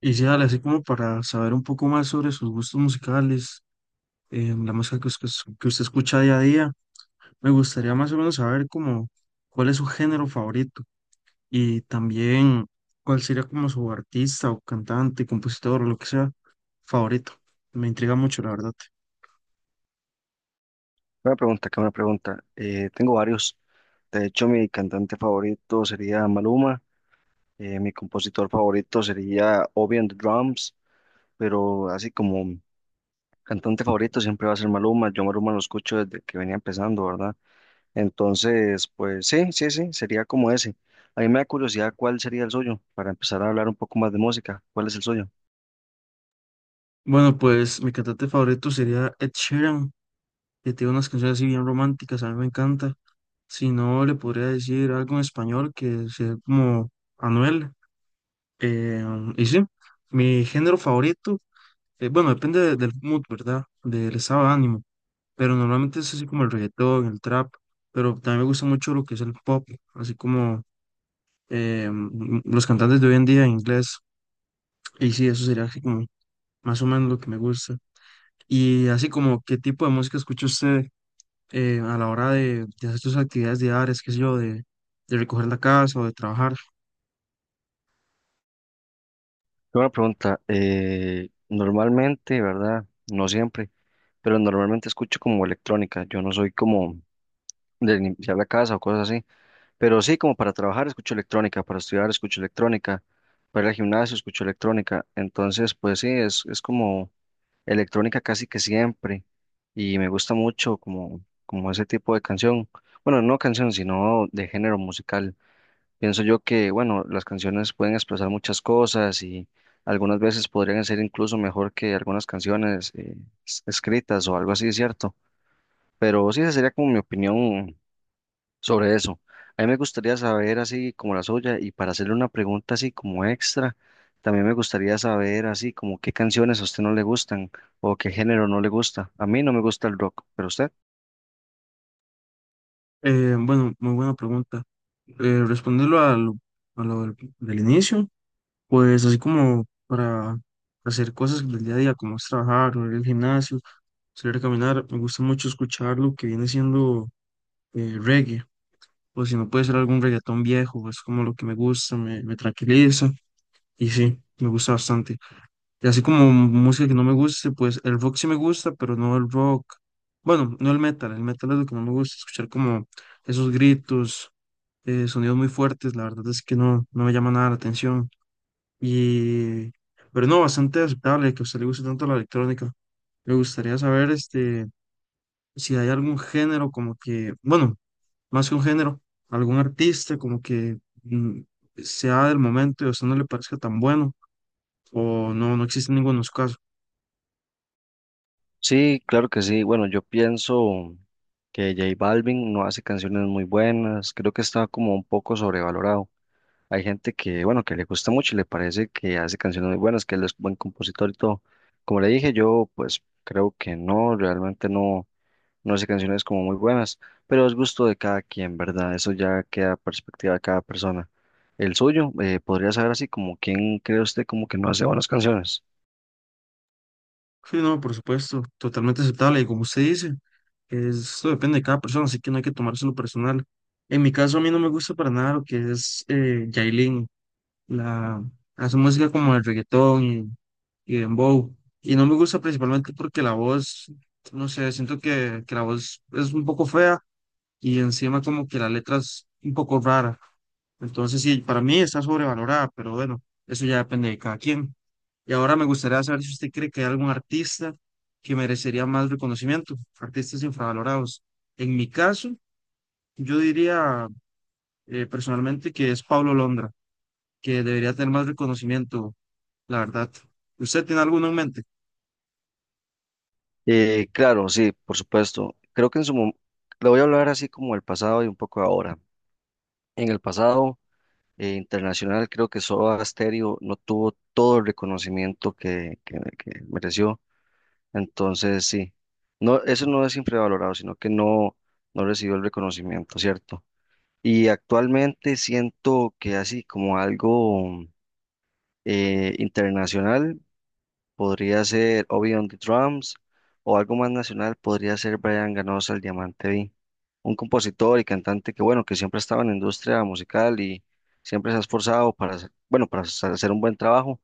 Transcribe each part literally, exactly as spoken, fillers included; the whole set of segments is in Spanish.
Y sí, dale, así como para saber un poco más sobre sus gustos musicales, eh, la música que, us- que us- que usted escucha día a día, me gustaría más o menos saber como cuál es su género favorito y también cuál sería como su artista o cantante, compositor o lo que sea favorito. Me intriga mucho, la verdad. Una pregunta, que una pregunta. Eh, tengo varios. De hecho, mi cantante favorito sería Maluma. Eh, mi compositor favorito sería Obi and the Drums. Pero así como cantante favorito siempre va a ser Maluma. Yo Maluma lo escucho desde que venía empezando, ¿verdad? Entonces, pues sí, sí, sí, sería como ese. A mí me da curiosidad cuál sería el suyo para empezar a hablar un poco más de música. ¿Cuál es el suyo? Bueno, pues mi cantante favorito sería Ed Sheeran, que tiene unas canciones así bien románticas, a mí me encanta. Si no, le podría decir algo en español que sea como Anuel. Eh, y sí, mi género favorito, eh, bueno, depende de- del mood, ¿verdad? Del estado de ánimo, pero normalmente es así como el reggaetón, el trap, pero también me gusta mucho lo que es el pop, así como eh, m- los cantantes de hoy en día en inglés, y sí, eso sería así como más o menos lo que me gusta. Y así como, ¿qué tipo de música escucha usted eh, a la hora de, de hacer sus actividades diarias, qué sé yo, de, de recoger la casa o de trabajar? Una pregunta. Eh, normalmente, ¿verdad? No siempre, pero normalmente escucho como electrónica. Yo no soy como de limpiar la casa o cosas así. Pero sí, como para trabajar escucho electrónica, para estudiar escucho electrónica, para ir al gimnasio escucho electrónica. Entonces, pues sí, es, es como electrónica casi que siempre. Y me gusta mucho como, como ese tipo de canción. Bueno, no canción, sino de género musical. Pienso yo que, bueno, las canciones pueden expresar muchas cosas y algunas veces podrían ser incluso mejor que algunas canciones eh, es- escritas o algo así, ¿cierto? Pero sí, esa sería como mi opinión sobre eso. A mí me gustaría saber así como la suya y para hacerle una pregunta así como extra, también me gustaría saber así como qué canciones a usted no le gustan o qué género no le gusta. A mí no me gusta el rock, pero usted. Eh, bueno, muy buena pregunta. Eh, respondiendo a lo, a lo del, del inicio, pues así como para hacer cosas del día a día, como es trabajar, o ir al gimnasio, salir a caminar, me gusta mucho escuchar lo que viene siendo eh, reggae, o si no puede ser algún reggaetón viejo, es como lo que me gusta, me, me tranquiliza, y sí, me gusta bastante. Y así como música que no me guste, pues el rock sí me gusta, pero no el rock. Bueno, no el metal. El metal es lo que no me gusta, escuchar como esos gritos, eh, sonidos muy fuertes. La verdad es que no, no me llama nada la atención. Y, pero no, bastante aceptable que a usted le guste tanto la electrónica. Me gustaría saber este, si hay algún género como que, bueno, más que un género, algún artista como que mm, sea del momento y a usted no le parezca tan bueno, o no, no existe ninguno de los casos. Sí, claro que sí. Bueno, yo pienso que J Balvin no hace canciones muy buenas, creo que está como un poco sobrevalorado. Hay gente que, bueno, que le gusta mucho y le parece que hace canciones muy buenas, que él es buen compositor y todo. Como le dije, yo pues creo que no, realmente no. No hace canciones como muy buenas, pero es gusto de cada quien, ¿verdad? Eso ya queda a perspectiva de cada persona. El suyo, eh, ¿podría saber así como quién cree usted como que no hace buenas canciones? Sí, no, por supuesto, totalmente aceptable. Y como usted dice, esto depende de cada persona, así que no hay que tomárselo personal. En mi caso, a mí no me gusta para nada lo que es eh, Yailin, la, hace música como el reggaetón y, y dembow. Y no me gusta principalmente porque la voz, no sé, siento que, que la voz es un poco fea y encima como que la letra es un poco rara. Entonces, sí, para mí está sobrevalorada, pero bueno, eso ya depende de cada quien. Y ahora me gustaría saber si usted cree que hay algún artista que merecería más reconocimiento, artistas infravalorados. En mi caso, yo diría eh, personalmente que es Pablo Londra, que debería tener más reconocimiento, la verdad. ¿Usted tiene alguno en mente? Eh, claro, sí, por supuesto. Creo que en su momento, le voy a hablar así como el pasado y un poco ahora. En el pasado eh, internacional, creo que Soda Stereo no tuvo todo el reconocimiento que, que, que mereció. Entonces, sí, no, eso no es infravalorado, sino que no, no recibió el reconocimiento, ¿cierto? Y actualmente siento que así como algo eh, internacional podría ser Obi on the Drums, o algo más nacional podría ser Brian Ganosa, el Diamante V, un compositor y cantante que, bueno, que siempre ha estado en la industria musical y siempre se ha esforzado para hacer, bueno, para hacer un buen trabajo,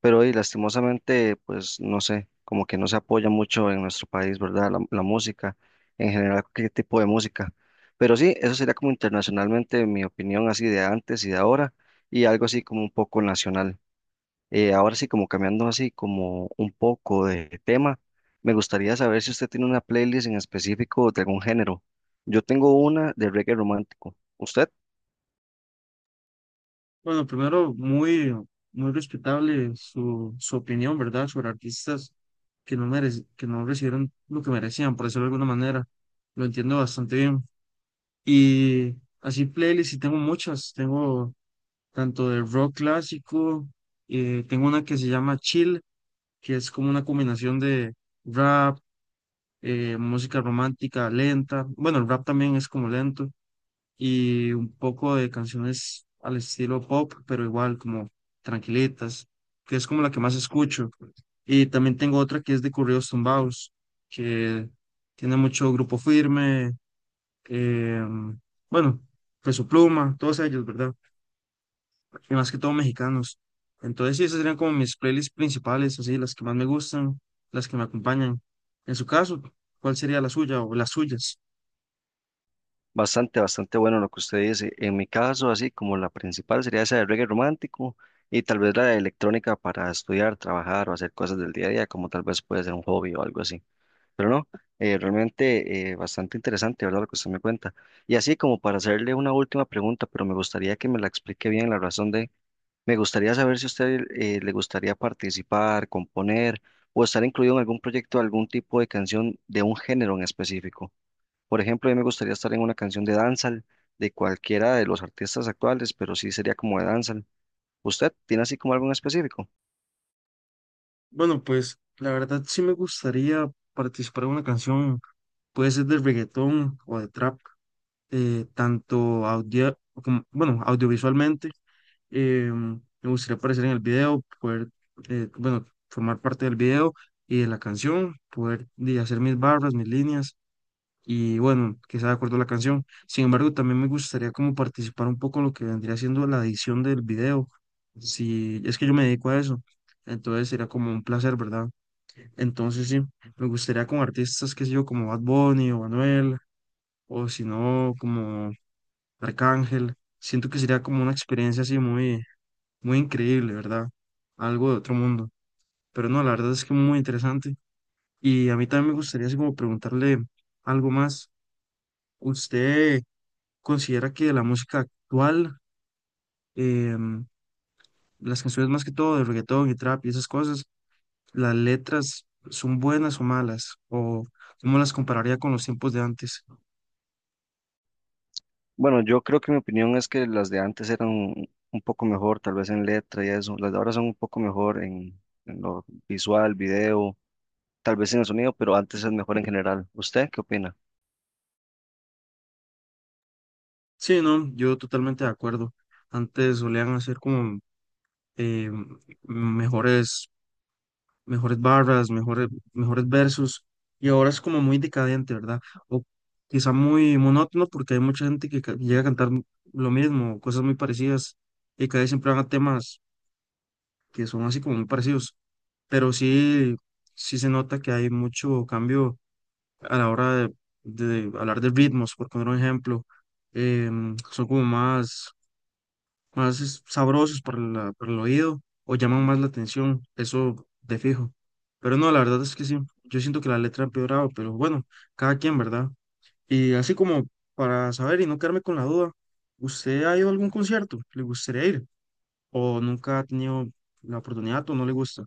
pero hoy, lastimosamente, pues no sé, como que no se apoya mucho en nuestro país, ¿verdad? La, la música, en general, qué tipo de música. Pero sí, eso sería como internacionalmente mi opinión así de antes y de ahora, y algo así como un poco nacional. Eh, ahora sí, como cambiando así como un poco de tema, me gustaría saber si usted tiene una playlist en específico de algún género. Yo tengo una de reggae romántico. ¿Usted? Bueno, primero, muy, muy respetable su, su opinión, ¿verdad?, sobre artistas que no merec- que no recibieron lo que merecían, por decirlo de alguna manera. Lo entiendo bastante bien. Y así playlists, y tengo muchas, tengo tanto de rock clásico, eh, tengo una que se llama Chill, que es como una combinación de rap, eh, música romántica lenta, bueno, el rap también es como lento, y un poco de canciones al estilo pop, pero igual como tranquilitas, que es como la que más escucho. Y también tengo otra que es de corridos tumbados, que tiene mucho grupo firme, eh, bueno, Peso Pluma, todos ellos, ¿verdad? Y más que todo mexicanos. Entonces, sí, esas serían como mis playlists principales, así, las que más me gustan, las que me acompañan. En su caso, ¿cuál sería la suya o las suyas? Bastante, bastante bueno lo que usted dice. En mi caso, así como la principal sería esa de reggae romántico y tal vez la de electrónica para estudiar, trabajar o hacer cosas del día a día, como tal vez puede ser un hobby o algo así. Pero no, eh, realmente eh, bastante interesante, ¿verdad? Lo que usted me cuenta. Y así como para hacerle una última pregunta, pero me gustaría que me la explique bien la razón de, me gustaría saber si a usted eh, le gustaría participar, componer o estar incluido en algún proyecto, algún tipo de canción de un género en específico. Por ejemplo, a mí me gustaría estar en una canción de dancehall de cualquiera de los artistas actuales, pero sí sería como de dancehall. ¿Usted tiene así como algo en específico? Bueno, pues la verdad sí me gustaría participar en una canción, puede ser de reggaetón o de trap, eh, tanto audio, como, bueno, audiovisualmente. eh, Me gustaría aparecer en el video, poder, eh, bueno, formar parte del video y de la canción, poder di, hacer mis barras, mis líneas y bueno, que sea de acuerdo a la canción. Sin embargo, también me gustaría como participar un poco en lo que vendría siendo la edición del video. Si es que yo me dedico a eso, entonces sería como un placer, ¿verdad? Entonces sí, me gustaría con artistas, qué sé yo, como Bad Bunny o Anuel, o si no, como Arcángel. Siento que sería como una experiencia así muy, muy increíble, ¿verdad? Algo de otro mundo. Pero no, la verdad es que muy interesante. Y a mí también me gustaría así como preguntarle algo más. ¿Usted considera que la música actual, em, las canciones más que todo de reggaetón y trap y esas cosas, las letras son buenas o malas? ¿O cómo las compararía con los tiempos de antes? Bueno, yo creo que mi opinión es que las de antes eran un poco mejor, tal vez en letra y eso. Las de ahora son un poco mejor en, en lo visual, video, tal vez en el sonido, pero antes es mejor en general. ¿Usted qué opina? Sí, no, yo totalmente de acuerdo. Antes solían hacer como eh, mejores mejores barras, mejores, mejores versos, y ahora es como muy decadente, ¿verdad? O quizá muy monótono porque hay mucha gente que ca- llega a cantar m- lo mismo, cosas muy parecidas, y cada vez siempre van a temas que son así como muy parecidos, pero sí, sí se nota que hay mucho cambio a la hora de, de hablar de ritmos, por poner un ejemplo, em, son como más más es- sabrosos para, la- para el oído o llaman más la atención, eso de fijo. Pero no, la verdad es que sí, yo siento que la letra ha empeorado, pero bueno, cada quien, ¿verdad? Y así como para saber y no quedarme con la duda, ¿usted ha ido a algún concierto? ¿Le gustaría ir? ¿O nunca ha tenido la oportunidad o no le gusta?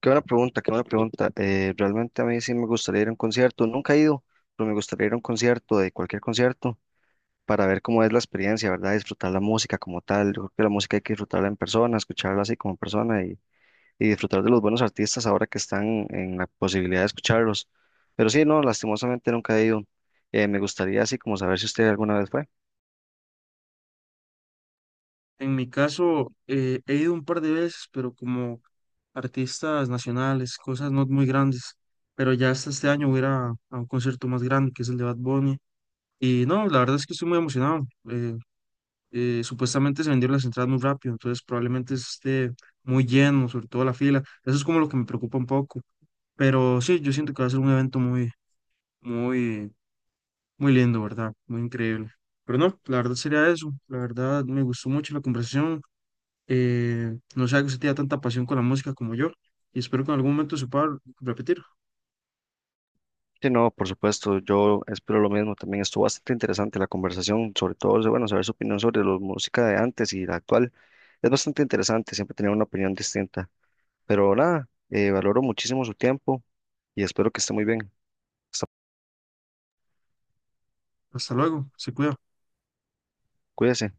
Qué buena pregunta, qué buena pregunta. Eh, realmente a mí sí me gustaría ir a un concierto. Nunca he ido, pero me gustaría ir a un concierto, de cualquier concierto, para ver cómo es la experiencia, ¿verdad? Disfrutar la música como tal. Yo creo que la música hay que disfrutarla en persona, escucharla así como persona y, y disfrutar de los buenos artistas ahora que están en la posibilidad de escucharlos. Pero sí, no, lastimosamente nunca he ido. Eh, me gustaría así como saber si usted alguna vez fue. En mi caso, eh, he ido un par de veces, pero como artistas nacionales, cosas no muy grandes. Pero ya hasta este año voy a ir a a un concierto más grande, que es el de Bad Bunny. Y no, la verdad es que estoy muy emocionado. Eh, eh, supuestamente se vendieron las entradas muy rápido, entonces probablemente esté muy lleno, sobre todo la fila. Eso es como lo que me preocupa un poco. Pero sí, yo siento que va a ser un evento muy, muy, muy lindo, ¿verdad? Muy increíble. Pero no, la verdad sería eso. La verdad me gustó mucho la conversación. Eh, no sé que usted tenga tanta pasión con la música como yo. Y espero que en algún momento se pueda repetir. Sí, no, por supuesto, yo espero lo mismo. También estuvo bastante interesante la conversación, sobre todo, bueno, saber su opinión sobre la música de antes y la actual. Es bastante interesante siempre tener una opinión distinta. Pero nada, eh, valoro muchísimo su tiempo y espero que esté muy bien. Hasta- Hasta luego, se cuida. Cuídese.